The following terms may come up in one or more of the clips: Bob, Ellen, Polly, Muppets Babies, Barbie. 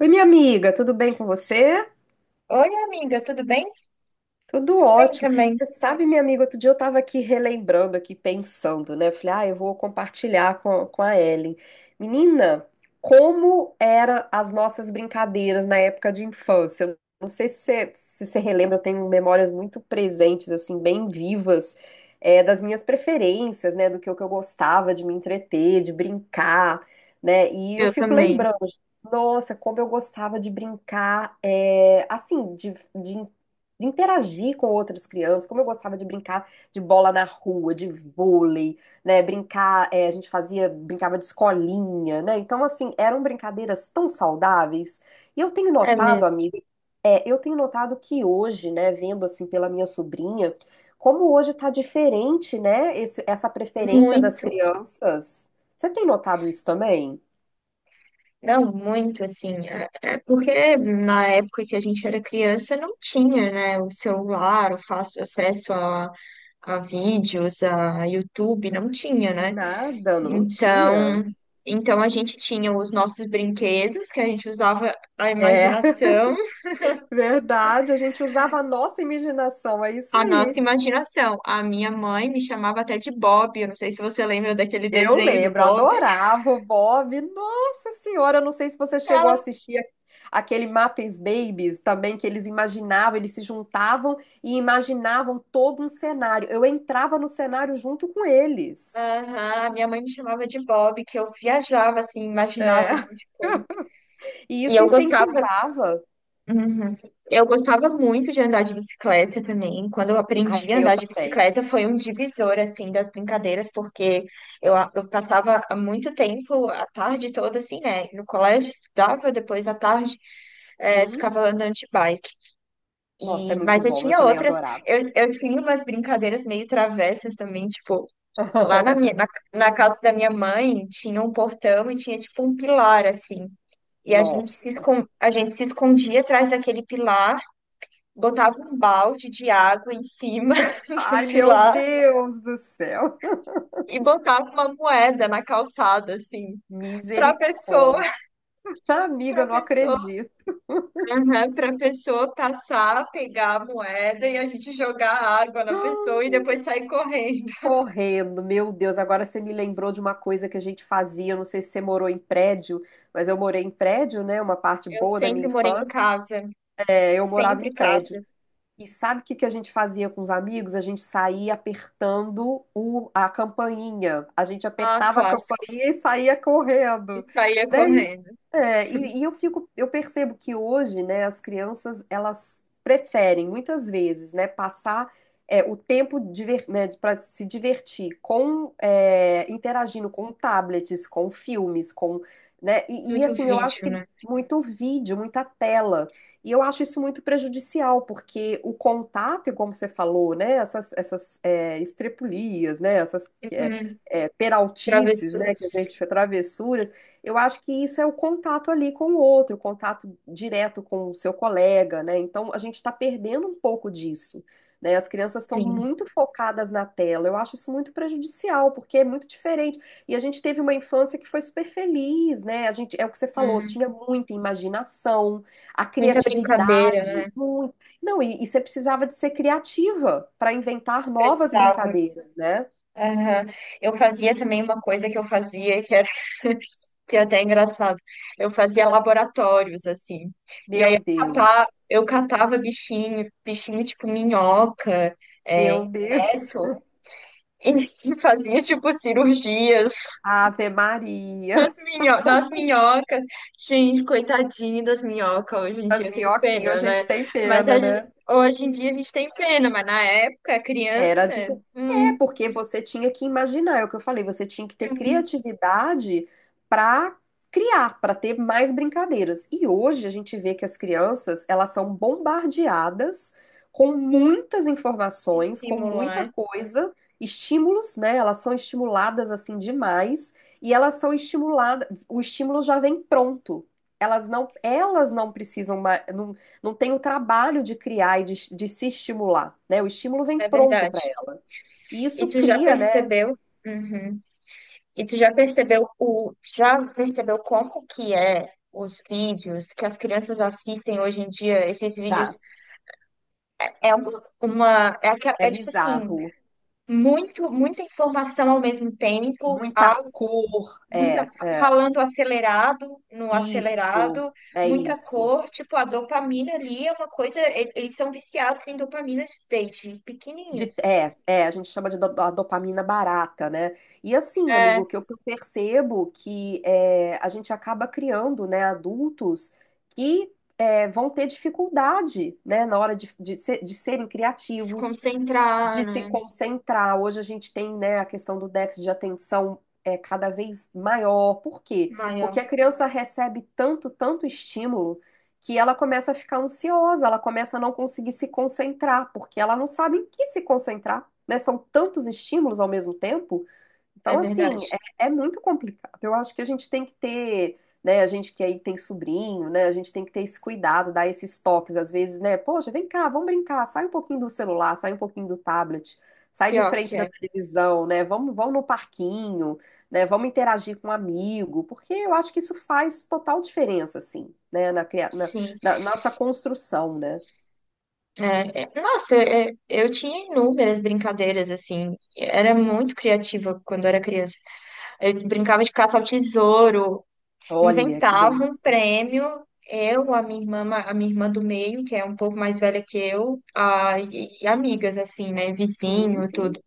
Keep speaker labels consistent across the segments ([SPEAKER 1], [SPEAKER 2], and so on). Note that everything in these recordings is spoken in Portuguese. [SPEAKER 1] Oi, minha amiga, tudo bem com você?
[SPEAKER 2] Oi, amiga, tudo bem?
[SPEAKER 1] Tudo
[SPEAKER 2] Tudo bem
[SPEAKER 1] ótimo.
[SPEAKER 2] também.
[SPEAKER 1] Você sabe, minha amiga, outro dia eu estava aqui relembrando, aqui pensando, né? Eu falei, ah, eu vou compartilhar com a Ellen. Menina, como eram as nossas brincadeiras na época de infância? Eu não sei se você relembra, eu tenho memórias muito presentes, assim, bem vivas, das minhas preferências, né? Do que eu gostava de me entreter, de brincar, né? E eu
[SPEAKER 2] Eu
[SPEAKER 1] fico
[SPEAKER 2] também.
[SPEAKER 1] lembrando, nossa, como eu gostava de brincar, assim, de interagir com outras crianças, como eu gostava de brincar de bola na rua, de vôlei, né? Brincar, a gente fazia, brincava de escolinha, né? Então, assim, eram brincadeiras tão saudáveis. E eu tenho
[SPEAKER 2] É
[SPEAKER 1] notado,
[SPEAKER 2] mesmo.
[SPEAKER 1] amiga, eu tenho notado que hoje, né, vendo assim pela minha sobrinha, como hoje tá diferente, né, essa preferência das
[SPEAKER 2] Muito.
[SPEAKER 1] crianças. Você tem notado isso também?
[SPEAKER 2] Não, muito, assim. É, é porque na época que a gente era criança não tinha, né, o celular, o fácil acesso a vídeos, a YouTube, não tinha, né?
[SPEAKER 1] Nada, não tinha.
[SPEAKER 2] Então, então a gente tinha os nossos brinquedos, que a gente usava a
[SPEAKER 1] É,
[SPEAKER 2] imaginação,
[SPEAKER 1] verdade, a gente usava a nossa imaginação, é isso
[SPEAKER 2] a nossa
[SPEAKER 1] aí.
[SPEAKER 2] imaginação. A minha mãe me chamava até de Bob, eu não sei se você lembra daquele
[SPEAKER 1] Eu
[SPEAKER 2] desenho do
[SPEAKER 1] lembro,
[SPEAKER 2] Bob.
[SPEAKER 1] adorava o Bob. Nossa Senhora, eu não sei se você chegou a aquele Muppets Babies também, que eles imaginavam, eles se juntavam e imaginavam todo um cenário. Eu entrava no cenário junto com eles.
[SPEAKER 2] Aham, minha mãe me chamava de Bob, que eu viajava assim, imaginava um
[SPEAKER 1] É.
[SPEAKER 2] monte de coisa.
[SPEAKER 1] E
[SPEAKER 2] E
[SPEAKER 1] isso
[SPEAKER 2] eu gostava.
[SPEAKER 1] incentivava.
[SPEAKER 2] Uhum. Eu gostava muito de andar de bicicleta também. Quando eu
[SPEAKER 1] Ah,
[SPEAKER 2] aprendi a
[SPEAKER 1] eu
[SPEAKER 2] andar de
[SPEAKER 1] também.
[SPEAKER 2] bicicleta, foi um divisor assim das brincadeiras, porque eu, eu passava há muito tempo a tarde toda assim, né? No colégio estudava, depois à tarde
[SPEAKER 1] Sim.
[SPEAKER 2] ficava andando de bike.
[SPEAKER 1] Nossa, é
[SPEAKER 2] E,
[SPEAKER 1] muito
[SPEAKER 2] mas eu
[SPEAKER 1] bom. Eu
[SPEAKER 2] tinha
[SPEAKER 1] também
[SPEAKER 2] outras,
[SPEAKER 1] adorava.
[SPEAKER 2] eu tinha umas brincadeiras meio travessas também, tipo lá na na casa da minha mãe tinha um portão e tinha tipo um pilar assim. E a gente se
[SPEAKER 1] Nossa.
[SPEAKER 2] escon... a gente se escondia atrás daquele pilar, botava um balde de água em cima do
[SPEAKER 1] Ai, meu
[SPEAKER 2] pilar
[SPEAKER 1] Deus do céu.
[SPEAKER 2] e botava uma moeda na calçada assim, para pessoa,
[SPEAKER 1] Misericórdia. Amiga,
[SPEAKER 2] para
[SPEAKER 1] eu não
[SPEAKER 2] pessoa,
[SPEAKER 1] acredito.
[SPEAKER 2] para pessoa passar, pegar a moeda e a gente jogar água na pessoa e depois sair correndo.
[SPEAKER 1] Correndo, meu Deus, agora você me lembrou de uma coisa que a gente fazia, eu não sei se você morou em prédio, mas eu morei em prédio, né, uma parte
[SPEAKER 2] Eu
[SPEAKER 1] boa da minha
[SPEAKER 2] sempre morei em
[SPEAKER 1] infância,
[SPEAKER 2] casa,
[SPEAKER 1] eu morava em
[SPEAKER 2] sempre casa.
[SPEAKER 1] prédio, e sabe o que que a gente fazia com os amigos? A gente saía apertando o, a campainha. A gente
[SPEAKER 2] Ah,
[SPEAKER 1] apertava a
[SPEAKER 2] clássico.
[SPEAKER 1] campainha e saía
[SPEAKER 2] E
[SPEAKER 1] correndo,
[SPEAKER 2] saía
[SPEAKER 1] né?
[SPEAKER 2] correndo.
[SPEAKER 1] É, e eu fico, eu percebo que hoje, né, as crianças, elas preferem muitas vezes, né, passar o tempo diver, né, para se divertir com interagindo com tablets, com filmes, com, né? E
[SPEAKER 2] Muito
[SPEAKER 1] assim, eu acho
[SPEAKER 2] vídeo,
[SPEAKER 1] que
[SPEAKER 2] né?
[SPEAKER 1] muito vídeo, muita tela. E eu acho isso muito prejudicial, porque o contato, e como você falou, né, essas estrepulias, né, essas é,
[SPEAKER 2] Uhum.
[SPEAKER 1] é, peraltices, né, que a
[SPEAKER 2] Travessuras.
[SPEAKER 1] gente, travessuras, eu acho que isso é o contato ali com o outro, o contato direto com o seu colega, né, então a gente está perdendo um pouco disso, né, as crianças estão
[SPEAKER 2] Sim.
[SPEAKER 1] muito focadas na tela, eu acho isso muito prejudicial, porque é muito diferente, e a gente teve uma infância que foi super feliz, né, a gente, é o que você falou,
[SPEAKER 2] Uhum.
[SPEAKER 1] tinha muita imaginação, a
[SPEAKER 2] Muita brincadeira,
[SPEAKER 1] criatividade,
[SPEAKER 2] né?
[SPEAKER 1] muito. Não, e você precisava de ser criativa para inventar novas
[SPEAKER 2] Precisava.
[SPEAKER 1] brincadeiras, né?
[SPEAKER 2] Aham. Eu fazia também uma coisa que eu fazia que era que é até engraçado. Eu fazia laboratórios, assim. E aí
[SPEAKER 1] Meu Deus,
[SPEAKER 2] eu catava bichinho, bichinho tipo minhoca, é,
[SPEAKER 1] meu Deus.
[SPEAKER 2] inseto, e fazia tipo cirurgias.
[SPEAKER 1] Ave
[SPEAKER 2] Nas
[SPEAKER 1] Maria.
[SPEAKER 2] nas minhocas. Gente, coitadinho das minhocas. Hoje em dia
[SPEAKER 1] As
[SPEAKER 2] eu tenho
[SPEAKER 1] minhoquinhas a
[SPEAKER 2] pena, né?
[SPEAKER 1] gente tem
[SPEAKER 2] Mas
[SPEAKER 1] pena,
[SPEAKER 2] a gen-
[SPEAKER 1] né?
[SPEAKER 2] hoje em dia a gente tem pena, mas na época,
[SPEAKER 1] Era
[SPEAKER 2] criança,
[SPEAKER 1] de... É,
[SPEAKER 2] hum,
[SPEAKER 1] porque você tinha que imaginar, é o que eu falei, você tinha que ter
[SPEAKER 2] é um
[SPEAKER 1] criatividade para criar, para ter mais brincadeiras. E hoje a gente vê que as crianças, elas são bombardeadas com muitas informações, com
[SPEAKER 2] estímulo,
[SPEAKER 1] muita
[SPEAKER 2] né?
[SPEAKER 1] coisa, estímulos, né? Elas são estimuladas assim demais e elas são estimuladas, o estímulo já vem pronto. Elas não precisam mais, não tem o trabalho de criar e de se estimular, né? O estímulo vem
[SPEAKER 2] É
[SPEAKER 1] pronto
[SPEAKER 2] verdade.
[SPEAKER 1] para ela. E
[SPEAKER 2] E
[SPEAKER 1] isso
[SPEAKER 2] tu já
[SPEAKER 1] cria, né?
[SPEAKER 2] percebeu? Uhum. E tu já percebeu já percebeu como que é os vídeos que as crianças assistem hoje em dia? Esses
[SPEAKER 1] Já,
[SPEAKER 2] vídeos é é,
[SPEAKER 1] é
[SPEAKER 2] é tipo assim,
[SPEAKER 1] bizarro.
[SPEAKER 2] muita informação ao mesmo tempo,
[SPEAKER 1] Muita cor,
[SPEAKER 2] muita falando acelerado, no
[SPEAKER 1] isso,
[SPEAKER 2] acelerado,
[SPEAKER 1] é
[SPEAKER 2] muita
[SPEAKER 1] isso.
[SPEAKER 2] cor, tipo a dopamina ali é uma coisa, eles são viciados em dopamina desde pequenininhos.
[SPEAKER 1] A gente chama de a dopamina barata, né? E assim, amigo,
[SPEAKER 2] É,
[SPEAKER 1] o que eu percebo que é, a gente acaba criando, né, adultos que vão ter dificuldade, né, na hora de serem
[SPEAKER 2] se
[SPEAKER 1] criativos,
[SPEAKER 2] concentrar,
[SPEAKER 1] de se
[SPEAKER 2] né?
[SPEAKER 1] concentrar. Hoje a gente tem, né, a questão do déficit de atenção é cada vez maior. Por quê? Porque
[SPEAKER 2] Maior,
[SPEAKER 1] a criança recebe tanto, tanto estímulo que ela começa a ficar ansiosa, ela começa a não conseguir se concentrar, porque ela não sabe em que se concentrar, né? São tantos estímulos ao mesmo tempo então,
[SPEAKER 2] é
[SPEAKER 1] assim,
[SPEAKER 2] verdade.
[SPEAKER 1] é muito complicado. Eu acho que a gente tem que ter, né? A gente que aí tem sobrinho, né? A gente tem que ter esse cuidado, dar esses toques, às vezes, né? Poxa, vem cá, vamos brincar, sai um pouquinho do celular, sai um pouquinho do tablet, sai de
[SPEAKER 2] Pior que
[SPEAKER 1] frente da
[SPEAKER 2] é.
[SPEAKER 1] televisão, né? Vamos, vamos no parquinho, né? Vamos interagir com um amigo, porque eu acho que isso faz total diferença, assim, né? Na, cria- na,
[SPEAKER 2] Sim,
[SPEAKER 1] na nossa construção, né?
[SPEAKER 2] Nossa, eu tinha inúmeras brincadeiras assim, era muito criativa quando era criança. Eu brincava de caça ao tesouro,
[SPEAKER 1] Olha que
[SPEAKER 2] inventava um
[SPEAKER 1] delícia.
[SPEAKER 2] prêmio. Eu, a minha irmã, a minha irmã do meio, que é um pouco mais velha que eu, e amigas, assim, né? Vizinho
[SPEAKER 1] Sim,
[SPEAKER 2] e tudo.
[SPEAKER 1] sim.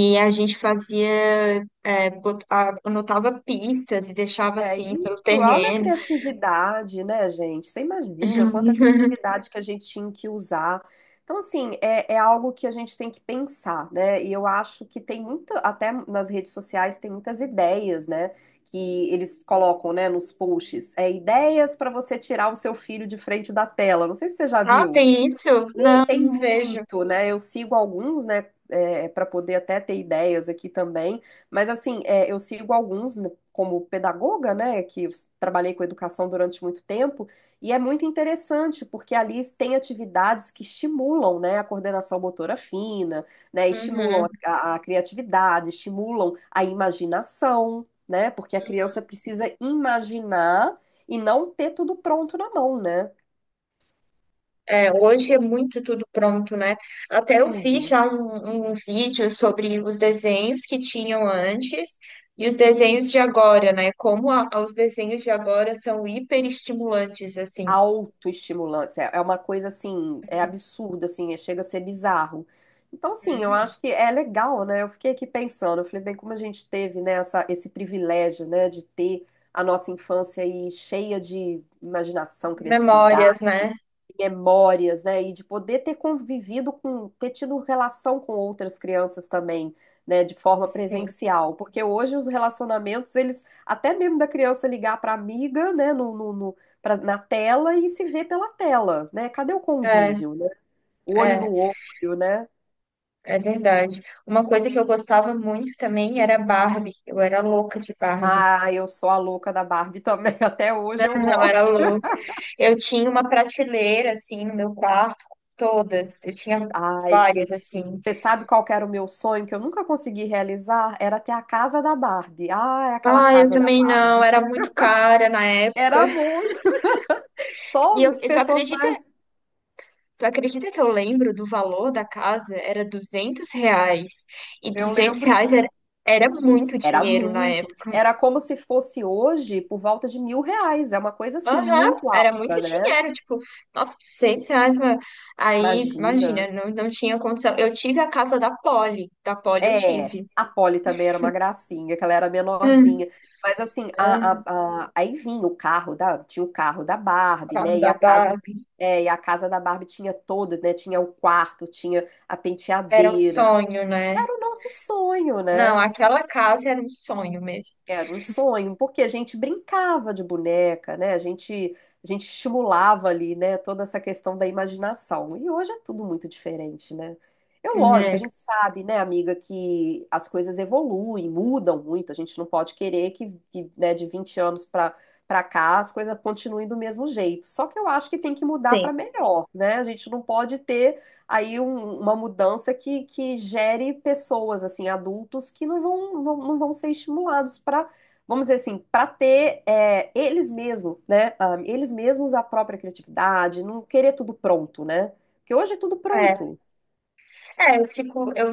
[SPEAKER 2] E a gente fazia, anotava pistas e deixava
[SPEAKER 1] É
[SPEAKER 2] assim
[SPEAKER 1] isso,
[SPEAKER 2] pelo
[SPEAKER 1] olha a
[SPEAKER 2] terreno.
[SPEAKER 1] criatividade, né, gente? Você imagina quanta criatividade que a gente tinha que usar. Então, assim, é algo que a gente tem que pensar, né? E eu acho que tem muito, até nas redes sociais, tem muitas ideias, né? Que eles colocam, né, nos posts. É ideias para você tirar o seu filho de frente da tela. Não sei se você já
[SPEAKER 2] Ah,
[SPEAKER 1] viu.
[SPEAKER 2] tem isso? Não,
[SPEAKER 1] Tem
[SPEAKER 2] não vejo.
[SPEAKER 1] muito, né? Eu sigo alguns, né? Para poder até ter ideias aqui também. Mas, assim, eu sigo alguns né, como pedagoga, né? Que trabalhei com educação durante muito tempo. E é muito interessante, porque ali tem atividades que estimulam, né? A coordenação motora fina, né? Estimulam
[SPEAKER 2] Uhum.
[SPEAKER 1] a criatividade, estimulam a imaginação, né? Porque a criança precisa imaginar e não ter tudo pronto na mão, né?
[SPEAKER 2] É, hoje é muito tudo pronto, né? Até eu fiz
[SPEAKER 1] Tudo.
[SPEAKER 2] já um vídeo sobre os desenhos que tinham antes e os desenhos de agora, né? Como os desenhos de agora são hiperestimulantes, assim.
[SPEAKER 1] Autoestimulantes. É uma coisa assim, é absurdo, assim, chega a ser bizarro. Então, assim, eu
[SPEAKER 2] Uhum.
[SPEAKER 1] acho que é legal, né? Eu fiquei aqui pensando, eu falei, bem, como a gente teve, né, essa, esse privilégio, né, de ter a nossa infância aí cheia de imaginação,
[SPEAKER 2] Memórias,
[SPEAKER 1] criatividade
[SPEAKER 2] né?
[SPEAKER 1] memórias, né? E de poder ter convivido com, ter tido relação com outras crianças também, né? De forma
[SPEAKER 2] Sim,
[SPEAKER 1] presencial, porque hoje os relacionamentos, eles, até mesmo da criança ligar para amiga, né? Na tela e se ver pela tela, né? Cadê o
[SPEAKER 2] é,
[SPEAKER 1] convívio, né? Olho no
[SPEAKER 2] é,
[SPEAKER 1] olho, né?
[SPEAKER 2] é verdade. Uma coisa que eu gostava muito também era Barbie. Eu era louca de Barbie.
[SPEAKER 1] Ah, eu sou a louca da Barbie também, até hoje eu
[SPEAKER 2] Eu era
[SPEAKER 1] gosto.
[SPEAKER 2] louca. Eu tinha uma prateleira, assim, no meu quarto, com todas. Eu tinha
[SPEAKER 1] Ai, que.
[SPEAKER 2] várias, assim.
[SPEAKER 1] Você sabe qual que era o meu sonho que eu nunca consegui realizar? Era ter a casa da Barbie. Ah, é aquela
[SPEAKER 2] Ah, eu
[SPEAKER 1] casa da
[SPEAKER 2] também não,
[SPEAKER 1] Barbie.
[SPEAKER 2] era muito cara na época.
[SPEAKER 1] Era muito. Só
[SPEAKER 2] E eu,
[SPEAKER 1] as
[SPEAKER 2] e
[SPEAKER 1] pessoas mais.
[SPEAKER 2] tu acredita que eu lembro do valor da casa? Era R$ 200. E
[SPEAKER 1] Eu
[SPEAKER 2] 200
[SPEAKER 1] lembro.
[SPEAKER 2] reais era, era muito
[SPEAKER 1] Era
[SPEAKER 2] dinheiro na
[SPEAKER 1] muito.
[SPEAKER 2] época.
[SPEAKER 1] Era como se fosse hoje por volta de 1.000 reais. É uma coisa assim,
[SPEAKER 2] Aham,
[SPEAKER 1] muito
[SPEAKER 2] era
[SPEAKER 1] alta,
[SPEAKER 2] muito
[SPEAKER 1] né?
[SPEAKER 2] dinheiro. Tipo, nossa, R$ 200. Aí,
[SPEAKER 1] Imagina.
[SPEAKER 2] imagina, não tinha condição. Eu tive a casa da Polly. Da Polly eu
[SPEAKER 1] É.
[SPEAKER 2] tive.
[SPEAKER 1] A Polly também era uma gracinha, que ela era
[SPEAKER 2] Hum,
[SPEAKER 1] menorzinha. Mas assim,
[SPEAKER 2] hum,
[SPEAKER 1] aí vinha o carro da. Tinha o carro da
[SPEAKER 2] o
[SPEAKER 1] Barbie,
[SPEAKER 2] carro
[SPEAKER 1] né? E
[SPEAKER 2] da
[SPEAKER 1] a casa.
[SPEAKER 2] Barbie.
[SPEAKER 1] É, e a casa da Barbie tinha toda, né? Tinha o quarto, tinha a
[SPEAKER 2] Era um
[SPEAKER 1] penteadeira.
[SPEAKER 2] sonho, né?
[SPEAKER 1] Era o nosso sonho,
[SPEAKER 2] Não,
[SPEAKER 1] né?
[SPEAKER 2] aquela casa era um sonho mesmo,
[SPEAKER 1] Era um sonho, porque a gente brincava de boneca, né? A gente estimulava ali, né, toda essa questão da imaginação. E hoje é tudo muito diferente, né? É lógico, a
[SPEAKER 2] né?
[SPEAKER 1] gente sabe, né, amiga, que as coisas evoluem, mudam muito. A gente não pode querer que, né, de 20 anos para cá as coisas continuem do mesmo jeito. Só que eu acho que tem que mudar
[SPEAKER 2] Sim.
[SPEAKER 1] para melhor, né? A gente não pode ter aí uma mudança que gere pessoas, assim, adultos que não vão ser estimulados para, vamos dizer assim, para ter eles mesmos, né? ah, eles mesmos a própria criatividade, não querer tudo pronto, né? Porque hoje é tudo
[SPEAKER 2] É.
[SPEAKER 1] pronto
[SPEAKER 2] É, eu fico, eu,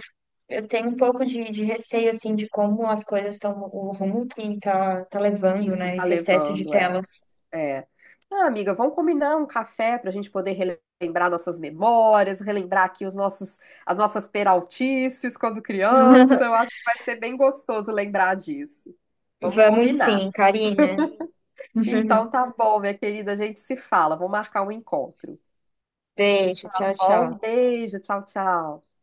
[SPEAKER 2] eu tenho um pouco de receio, assim, de como as coisas estão, o rumo que tá, tá
[SPEAKER 1] que
[SPEAKER 2] levando,
[SPEAKER 1] isso
[SPEAKER 2] né,
[SPEAKER 1] está
[SPEAKER 2] esse excesso de
[SPEAKER 1] levando, é.
[SPEAKER 2] telas.
[SPEAKER 1] É. Ah, amiga, vamos combinar um café para a gente poder relembrar nossas memórias, relembrar aqui os nossos, as nossas peraltices quando criança. Eu acho que vai ser bem gostoso lembrar disso. Vamos
[SPEAKER 2] Vamos sim,
[SPEAKER 1] combinar.
[SPEAKER 2] Karina.
[SPEAKER 1] Então tá bom, minha querida, a gente se fala. Vou marcar um encontro.
[SPEAKER 2] Beijo, tchau,
[SPEAKER 1] Ó,
[SPEAKER 2] tchau.
[SPEAKER 1] um beijo, tchau, tchau.